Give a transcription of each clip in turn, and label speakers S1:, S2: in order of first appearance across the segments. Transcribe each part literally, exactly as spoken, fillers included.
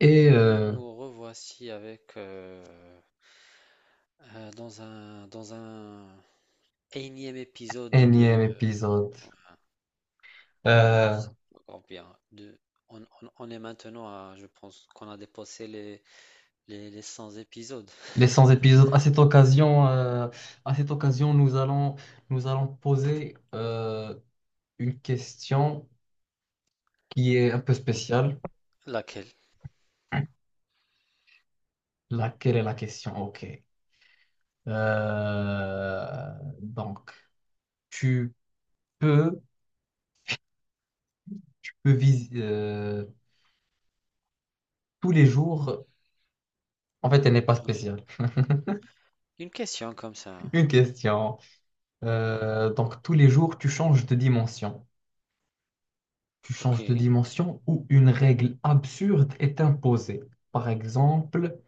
S1: Et
S2: Et
S1: euh,
S2: nous revoici avec euh, euh, dans un dans un énième épisode
S1: énième
S2: de
S1: épisode.
S2: de, de- je
S1: Euh,
S2: sais pas encore bien de. On, on- on est maintenant à, je pense qu'on a dépassé les les, les cent épisodes.
S1: les cent épisodes. À cette occasion, euh, à cette occasion, nous allons, nous allons poser euh, une question qui est un peu spéciale.
S2: Laquelle?
S1: Laquelle est la question? Ok. Euh, donc, tu peux, tu peux vis- euh, tous les jours. En fait, elle n'est pas
S2: Oui.
S1: spéciale.
S2: Une question comme ça.
S1: Une question.
S2: Ouais.
S1: Euh, donc, tous les jours, tu changes de dimension. Tu
S2: Ok,
S1: changes de dimension ou une règle absurde est imposée. Par exemple,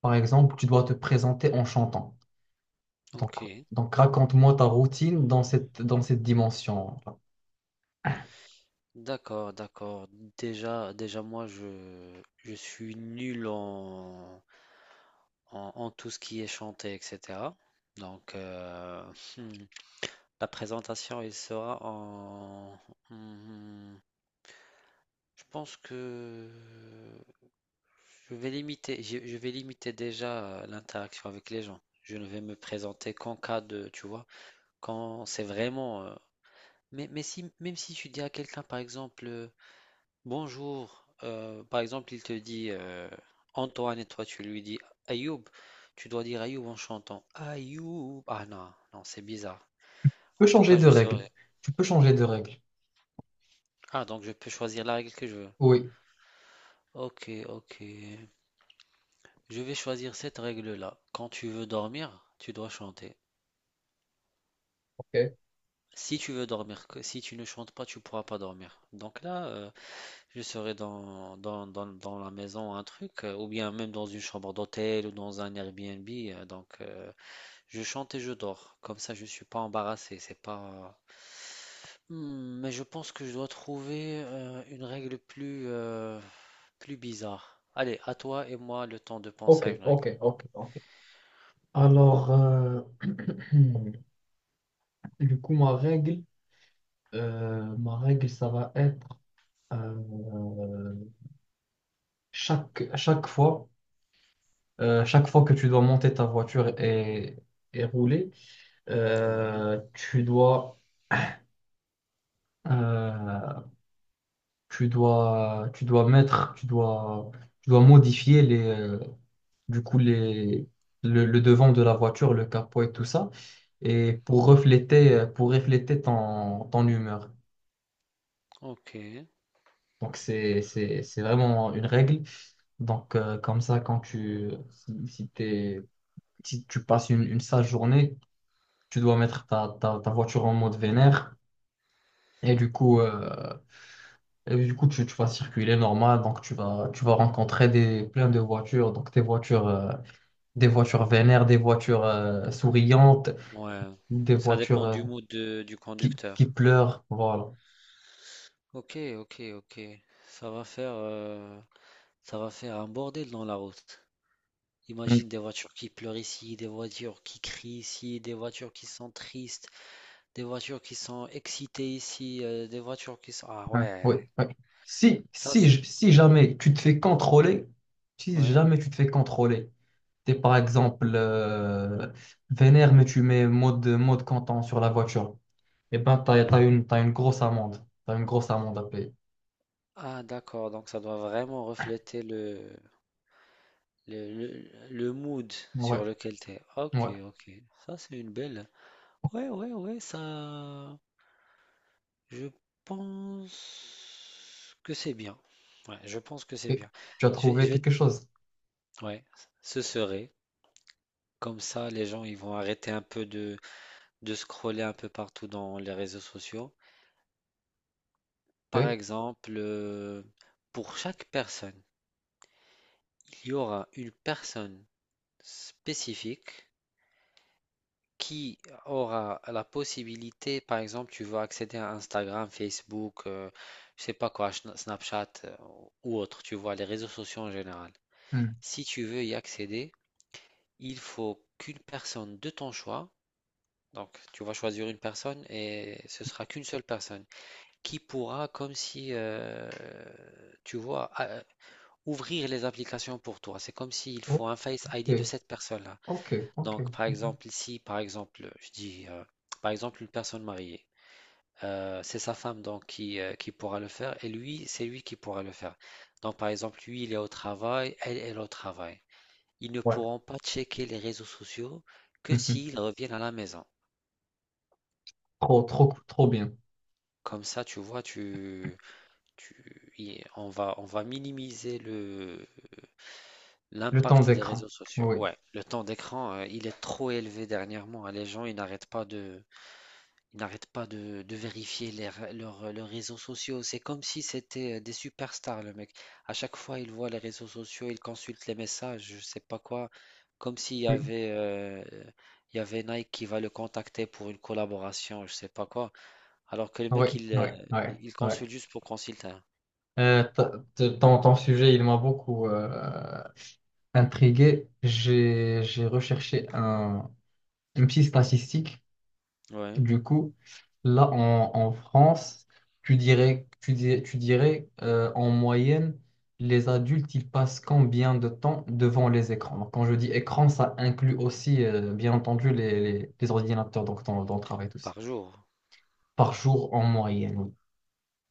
S1: par exemple, tu dois te présenter en chantant. Donc,
S2: ok,
S1: donc raconte-moi ta routine dans cette, dans cette dimension. Tu
S2: d'accord, d'accord. Déjà, déjà moi je je suis nul en en, en tout ce qui est chanté, et cetera. Donc, euh, la présentation, il sera en... hmm, je pense que je vais limiter, je, je vais limiter déjà, euh, l'interaction avec les gens. Je ne vais me présenter qu'en cas de, tu vois, quand c'est vraiment. euh, Mais, mais si, même si tu dis à quelqu'un, par exemple, euh, bonjour, euh, par exemple, il te dit, euh, Antoine et toi, tu lui dis Ayoub, tu dois dire Ayoub en chantant Ayoub. Ah non, non, c'est bizarre.
S1: peux
S2: En tout
S1: changer
S2: cas,
S1: de
S2: je
S1: règle.
S2: serai.
S1: Tu peux changer de règle.
S2: Ah, donc je peux choisir la règle que je veux.
S1: Oui.
S2: Ok, ok. Je vais choisir cette règle-là. Quand tu veux dormir, tu dois chanter.
S1: Ok,
S2: Si tu veux dormir, que- si tu ne chantes pas, tu pourras pas dormir. Donc là, euh, je serai dans, dans, dans, dans la maison, un truc, euh, ou bien même dans une chambre d'hôtel ou dans un Airbnb. Euh, donc, euh, je chante et je dors. Comme ça, je suis pas embarrassé. C'est pas. Hmm, mais je pense que je dois trouver, euh, une règle plus, euh, plus bizarre. Allez, à toi et moi le temps de
S1: ok,
S2: penser à une
S1: ok,
S2: règle.
S1: ok, ok. Alors, euh, du coup, ma règle, euh, ma règle, ça va être euh, chaque, chaque fois. Euh, chaque fois que tu dois monter ta voiture et, et rouler,
S2: Ouais.
S1: euh, tu dois, euh, tu dois, tu dois mettre, tu dois, tu dois modifier les, euh, du coup les, le le devant de la voiture, le capot et tout ça, et pour refléter, euh, pour refléter ton, ton humeur.
S2: Ok,
S1: Donc c'est, c'est, c'est vraiment une règle. Donc euh, comme ça, quand tu, si, si t'es- si tu passes une, une sale journée, tu dois mettre ta, ta, ta voiture en mode vénère et du coup, euh, et du coup tu, tu vas circuler normal, donc tu vas, tu vas rencontrer des, plein de voitures, donc des voitures, euh, des voitures vénères, des voitures euh, souriantes,
S2: ouais,
S1: des
S2: ça
S1: voitures
S2: dépend
S1: euh,
S2: du mood de- du
S1: qui, qui
S2: conducteur.
S1: pleurent, voilà.
S2: Ok, ok, ok, ça va faire, euh, ça va faire un bordel dans la route.
S1: Mm.
S2: Imagine des voitures qui pleurent ici, des voitures qui crient ici, des voitures qui sont tristes, des voitures qui sont excitées ici, euh, des voitures qui sont... Ah
S1: Ouais,
S2: ouais,
S1: Oui, oui. Si,
S2: ça
S1: si,
S2: c'est...
S1: j- si
S2: Ouais.
S1: jamais tu te fais contrôler, si
S2: Ouais.
S1: jamais tu te fais contrôler, t'es par exemple euh, vénère, mais tu mets mode, mode content sur la voiture. Eh ben, t'as, t'as une, t'as une grosse amende. T'as une grosse amende à payer.
S2: Ah d'accord, donc ça doit vraiment refléter le, le, le, le mood
S1: Ouais,
S2: sur lequel t'es.
S1: ouais.
S2: Ok, ok, ça c'est une belle... Ouais, ouais, ouais, ça... Je pense que c'est bien. Ouais, je pense que c'est
S1: Et
S2: bien.
S1: tu as
S2: Je vais,
S1: trouvé
S2: je vais-
S1: quelque chose.
S2: ouais, ce serait. Comme ça, les gens ils vont arrêter un peu de, de scroller un peu partout dans les réseaux sociaux. Par
S1: Ok,
S2: exemple, euh, pour chaque personne, il y aura une personne spécifique qui aura la possibilité, par exemple, tu veux accéder à Instagram, Facebook, euh, je sais pas quoi, Schna- Snapchat, euh, ou autre, tu vois, les réseaux sociaux en général.
S1: Hmm.
S2: Si tu veux y accéder, il faut qu'une personne de ton choix, donc tu vas choisir une personne et ce sera qu'une seule personne qui pourra, comme si, euh, tu vois, a- ouvrir les applications pour toi. C'est comme s'il faut un Face I D de cette personne-là.
S1: ok, ok, ok.
S2: Donc, par
S1: Ok.
S2: exemple, si, par exemple, je dis, euh, par exemple, une personne mariée. Euh, c'est sa femme donc qui, euh, qui pourra le faire, et lui, c'est lui qui pourra le faire. Donc par exemple, lui, il est au travail, elle, elle, est au travail. Ils ne
S1: Ouais.
S2: pourront pas checker les réseaux sociaux que
S1: Mhm.
S2: s'ils reviennent à la maison.
S1: Trop, trop, trop bien.
S2: Comme ça, tu vois, tu, tu, y- on va, on va minimiser le,
S1: Le temps
S2: l'impact des réseaux
S1: d'écran.
S2: sociaux.
S1: Oui.
S2: Ouais, le temps d'écran, euh, il est trop élevé dernièrement, hein. Les gens, ils n'arrêtent pas de. Ils n'arrêtent pas de, de vérifier les r- leurs leurs réseaux sociaux. C'est comme si c'était, euh, des superstars, le mec. À chaque fois, il voit les réseaux sociaux, il consulte les messages, je sais pas quoi. Comme s'il y
S1: Oui,
S2: avait, euh, il y avait Nike qui va le contacter pour une collaboration, je sais pas quoi. Alors que le
S1: oui,
S2: mec, il, euh,
S1: oui.
S2: il
S1: Oui.
S2: consulte juste pour consulter.
S1: Euh, ta- te- ton, ton sujet, il m'a beaucoup euh, intrigué. J'ai, j'ai recherché un, une petite statistique.
S2: Ouais.
S1: Du coup, là en, en France, tu dirais, tu dirais, tu dirais euh, en moyenne, les adultes, ils passent combien de temps devant les écrans? Donc, quand je dis écran, ça inclut aussi, euh, bien entendu, les, les, les ordinateurs donc dans, dans le travail, tous.
S2: Par jour.
S1: Par jour en moyenne, oui.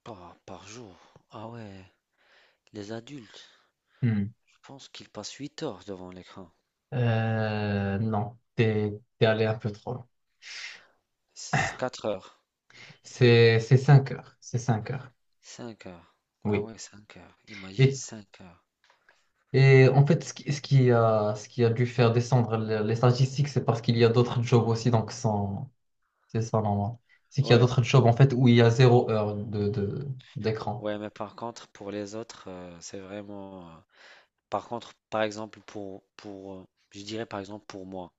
S2: Par, par jour. Ah ouais. Les adultes,
S1: Hmm.
S2: je pense qu'ils passent huit heures devant l'écran.
S1: Euh, non, t'es, t'es allé un peu trop loin.
S2: Quatre heures.
S1: C'est, c'est cinq heures. C'est cinq heures.
S2: Cinq heures. Ah
S1: Oui.
S2: ouais, cinq heures. Imagine
S1: Et
S2: cinq heures.
S1: Et en fait, ce qui, ce qui a, ce qui a dû faire descendre le- les statistiques, c'est parce qu'il y a d'autres jobs aussi, donc sans- c'est ça normal. C'est qu'il y a
S2: Ouais,
S1: d'autres jobs en fait où il y a zéro heure de, de- d'écran.
S2: ouais, mais par contre, pour les autres, euh, c'est vraiment. euh, Par contre, par exemple, pour, pour, euh, je dirais par exemple pour moi,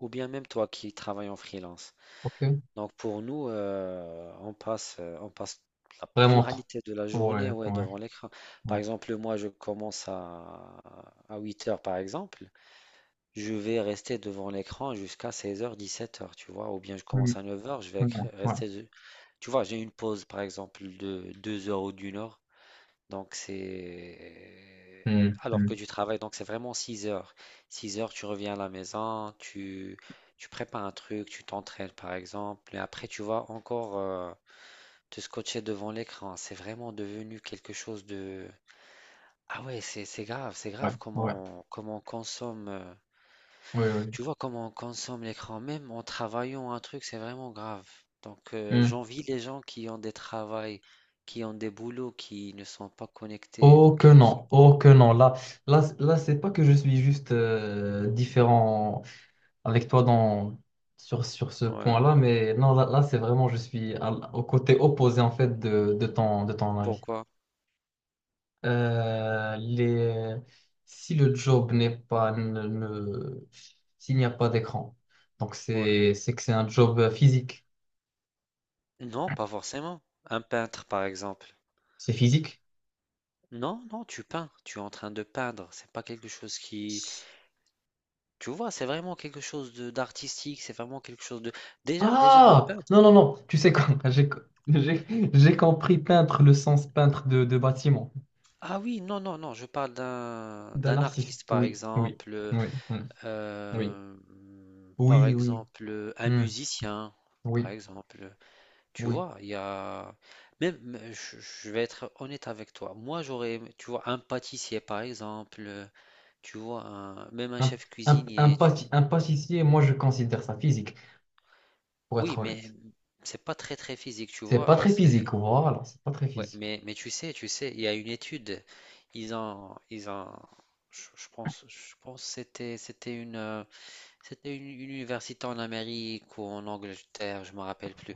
S2: ou bien même toi qui travailles en freelance.
S1: Ok.
S2: Donc pour nous, euh, on passe, euh, on passe la
S1: Vraiment trop.
S2: pluralité de la journée,
S1: Ouais,
S2: ouais,
S1: ouais,
S2: devant l'écran. Par
S1: ouais.
S2: exemple, moi, je commence à, à huit heures, par exemple. Je vais rester devant l'écran jusqu'à seize heures, dix-sept heures, tu vois, ou bien je
S1: Hmm,
S2: commence à neuf heures, je vais
S1: hmm,
S2: cr-
S1: ouais.
S2: rester. de- Tu vois, j'ai une pause, par exemple, de deux heures ou d'une heure, donc c'est.
S1: Hmm,
S2: Alors que
S1: hmm,
S2: tu travailles, donc c'est vraiment six heures. Six heures, tu reviens à la maison, tu, tu prépares un truc, tu t'entraînes, par exemple, et après, tu vas encore, euh, te scotcher devant l'écran. C'est vraiment devenu quelque chose de. Ah ouais, c'est c'est grave, c'est
S1: ouais,
S2: grave,
S1: ouais,
S2: comment, comment on consomme. Euh,
S1: ouais, ouais.
S2: tu vois comment on consomme l'écran, même en travaillant un truc, c'est vraiment grave. Donc, euh,
S1: Hmm.
S2: j'envie les gens qui ont des travails, qui ont des boulots, qui ne sont pas connectés.
S1: Oh que
S2: Donc, ils ne
S1: non, oh que non. Là, là, là, c'est pas que je suis juste euh, différent avec toi dans, sur, sur ce
S2: sont- Ouais.
S1: point-là, mais non, là, là, c'est vraiment, je suis à l- au côté opposé en fait de, de ton, de ton avis.
S2: Pourquoi?
S1: Euh, les, si le job n'est pas, ne, ne- s'il n'y a pas d'écran, donc
S2: Ouais.
S1: c'est, c'est que c'est un job euh, physique.
S2: Non, pas forcément. Un peintre, par exemple.
S1: C'est physique?
S2: Non, non, tu peins, tu es en train de peindre. C'est pas quelque chose qui, tu vois, c'est vraiment quelque chose de d'artistique. C'est vraiment quelque chose de. Déjà, déjà un
S1: Ah! Non,
S2: peintre.
S1: non, non, tu sais quoi, j'ai, j'ai, j'ai compris peintre, le sens peintre de, de bâtiment,
S2: Ah oui, non, non, non. Je parle d'un
S1: d'un
S2: d'un
S1: artiste,
S2: artiste, par
S1: oui, oui,
S2: exemple. euh,
S1: oui, mm, oui,
S2: Euh, Par
S1: oui, oui,
S2: exemple, un
S1: mm,
S2: musicien, par
S1: oui,
S2: exemple, tu
S1: oui.
S2: vois, il y a même, je, je vais être honnête avec toi. Moi, j'aurais, aimé- tu vois, un pâtissier, par exemple, tu vois, un- même un
S1: Un,
S2: chef
S1: un, un
S2: cuisinier, tu.
S1: pâti- un pâtissier, moi, je considère ça physique, pour être
S2: Oui, mais
S1: honnête.
S2: c'est pas très très physique, tu
S1: C'est
S2: vois.
S1: pas
S2: euh,
S1: très
S2: C'est
S1: physique, voilà, c'est pas très
S2: ouais,
S1: physique.
S2: mais mais tu sais, tu sais, il y a une étude. Ils ont, ils ont, je, je pense, je pense que c'était c'était une. euh, C'était une une université en Amérique ou en Angleterre, je me rappelle plus.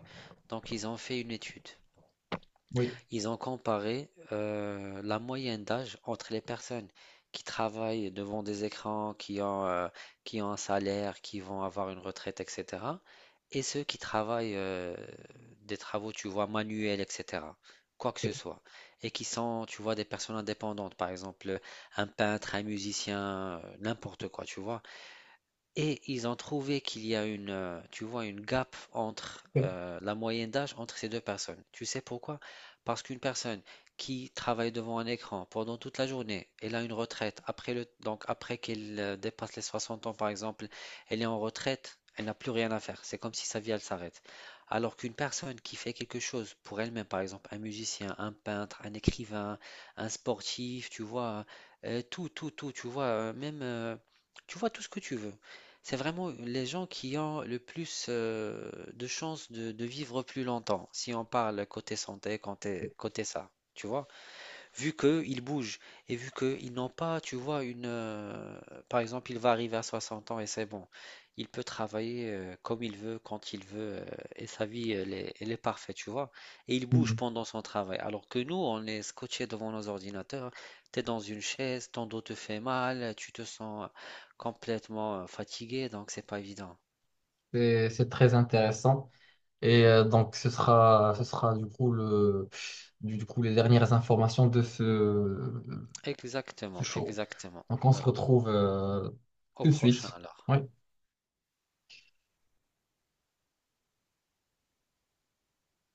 S2: Donc ils ont fait une étude.
S1: Oui,
S2: Ils ont comparé, euh, la moyenne d'âge entre les personnes qui travaillent devant des écrans, qui ont, euh, qui ont un salaire, qui vont avoir une retraite, et cetera Et ceux qui travaillent, euh, des travaux, tu vois, manuels, et cetera. Quoi que ce soit. Et qui sont, tu vois, des personnes indépendantes, par exemple un peintre, un musicien, euh, n'importe quoi, tu vois. Et ils ont trouvé qu'il y a une, euh, tu vois, une gap entre, euh, la moyenne d'âge entre ces deux personnes. Tu sais pourquoi? Parce qu'une personne qui travaille devant un écran pendant toute la journée, elle a une retraite. Après le, donc, après qu'elle, euh, dépasse les soixante ans, par exemple, elle est en retraite, elle n'a plus rien à faire. C'est comme si sa vie, elle s'arrête. Alors qu'une personne qui fait quelque chose pour elle-même, par exemple, un musicien, un peintre, un écrivain, un sportif, tu vois, euh, tout, tout, tout, tu vois, euh, même, euh, tu vois tout ce que tu veux. C'est vraiment les gens qui ont le plus euh, de chances de, de vivre plus longtemps, si on parle côté santé, côté, côté ça, tu vois? Vu qu'ils bougent et vu qu'ils n'ont pas, tu vois, une... euh, Par exemple, il va arriver à soixante ans et c'est bon. Il peut travailler, euh, comme il veut, quand il veut, euh, et sa vie, elle est, elle est parfaite, tu vois. Et il bouge
S1: Mhm.
S2: pendant son travail. Alors que nous, on est scotché devant nos ordinateurs, t'es dans une chaise, ton dos te fait mal, tu te sens complètement, euh, fatigué, donc c'est pas évident.
S1: C'est c'est très intéressant. Et euh, donc, ce sera, ce sera du coup, le, du coup les dernières informations de ce, ce
S2: Exactement,
S1: show.
S2: exactement.
S1: Donc, on se
S2: Oui.
S1: retrouve euh,
S2: Au
S1: tout de
S2: prochain
S1: suite.
S2: alors.
S1: Oui.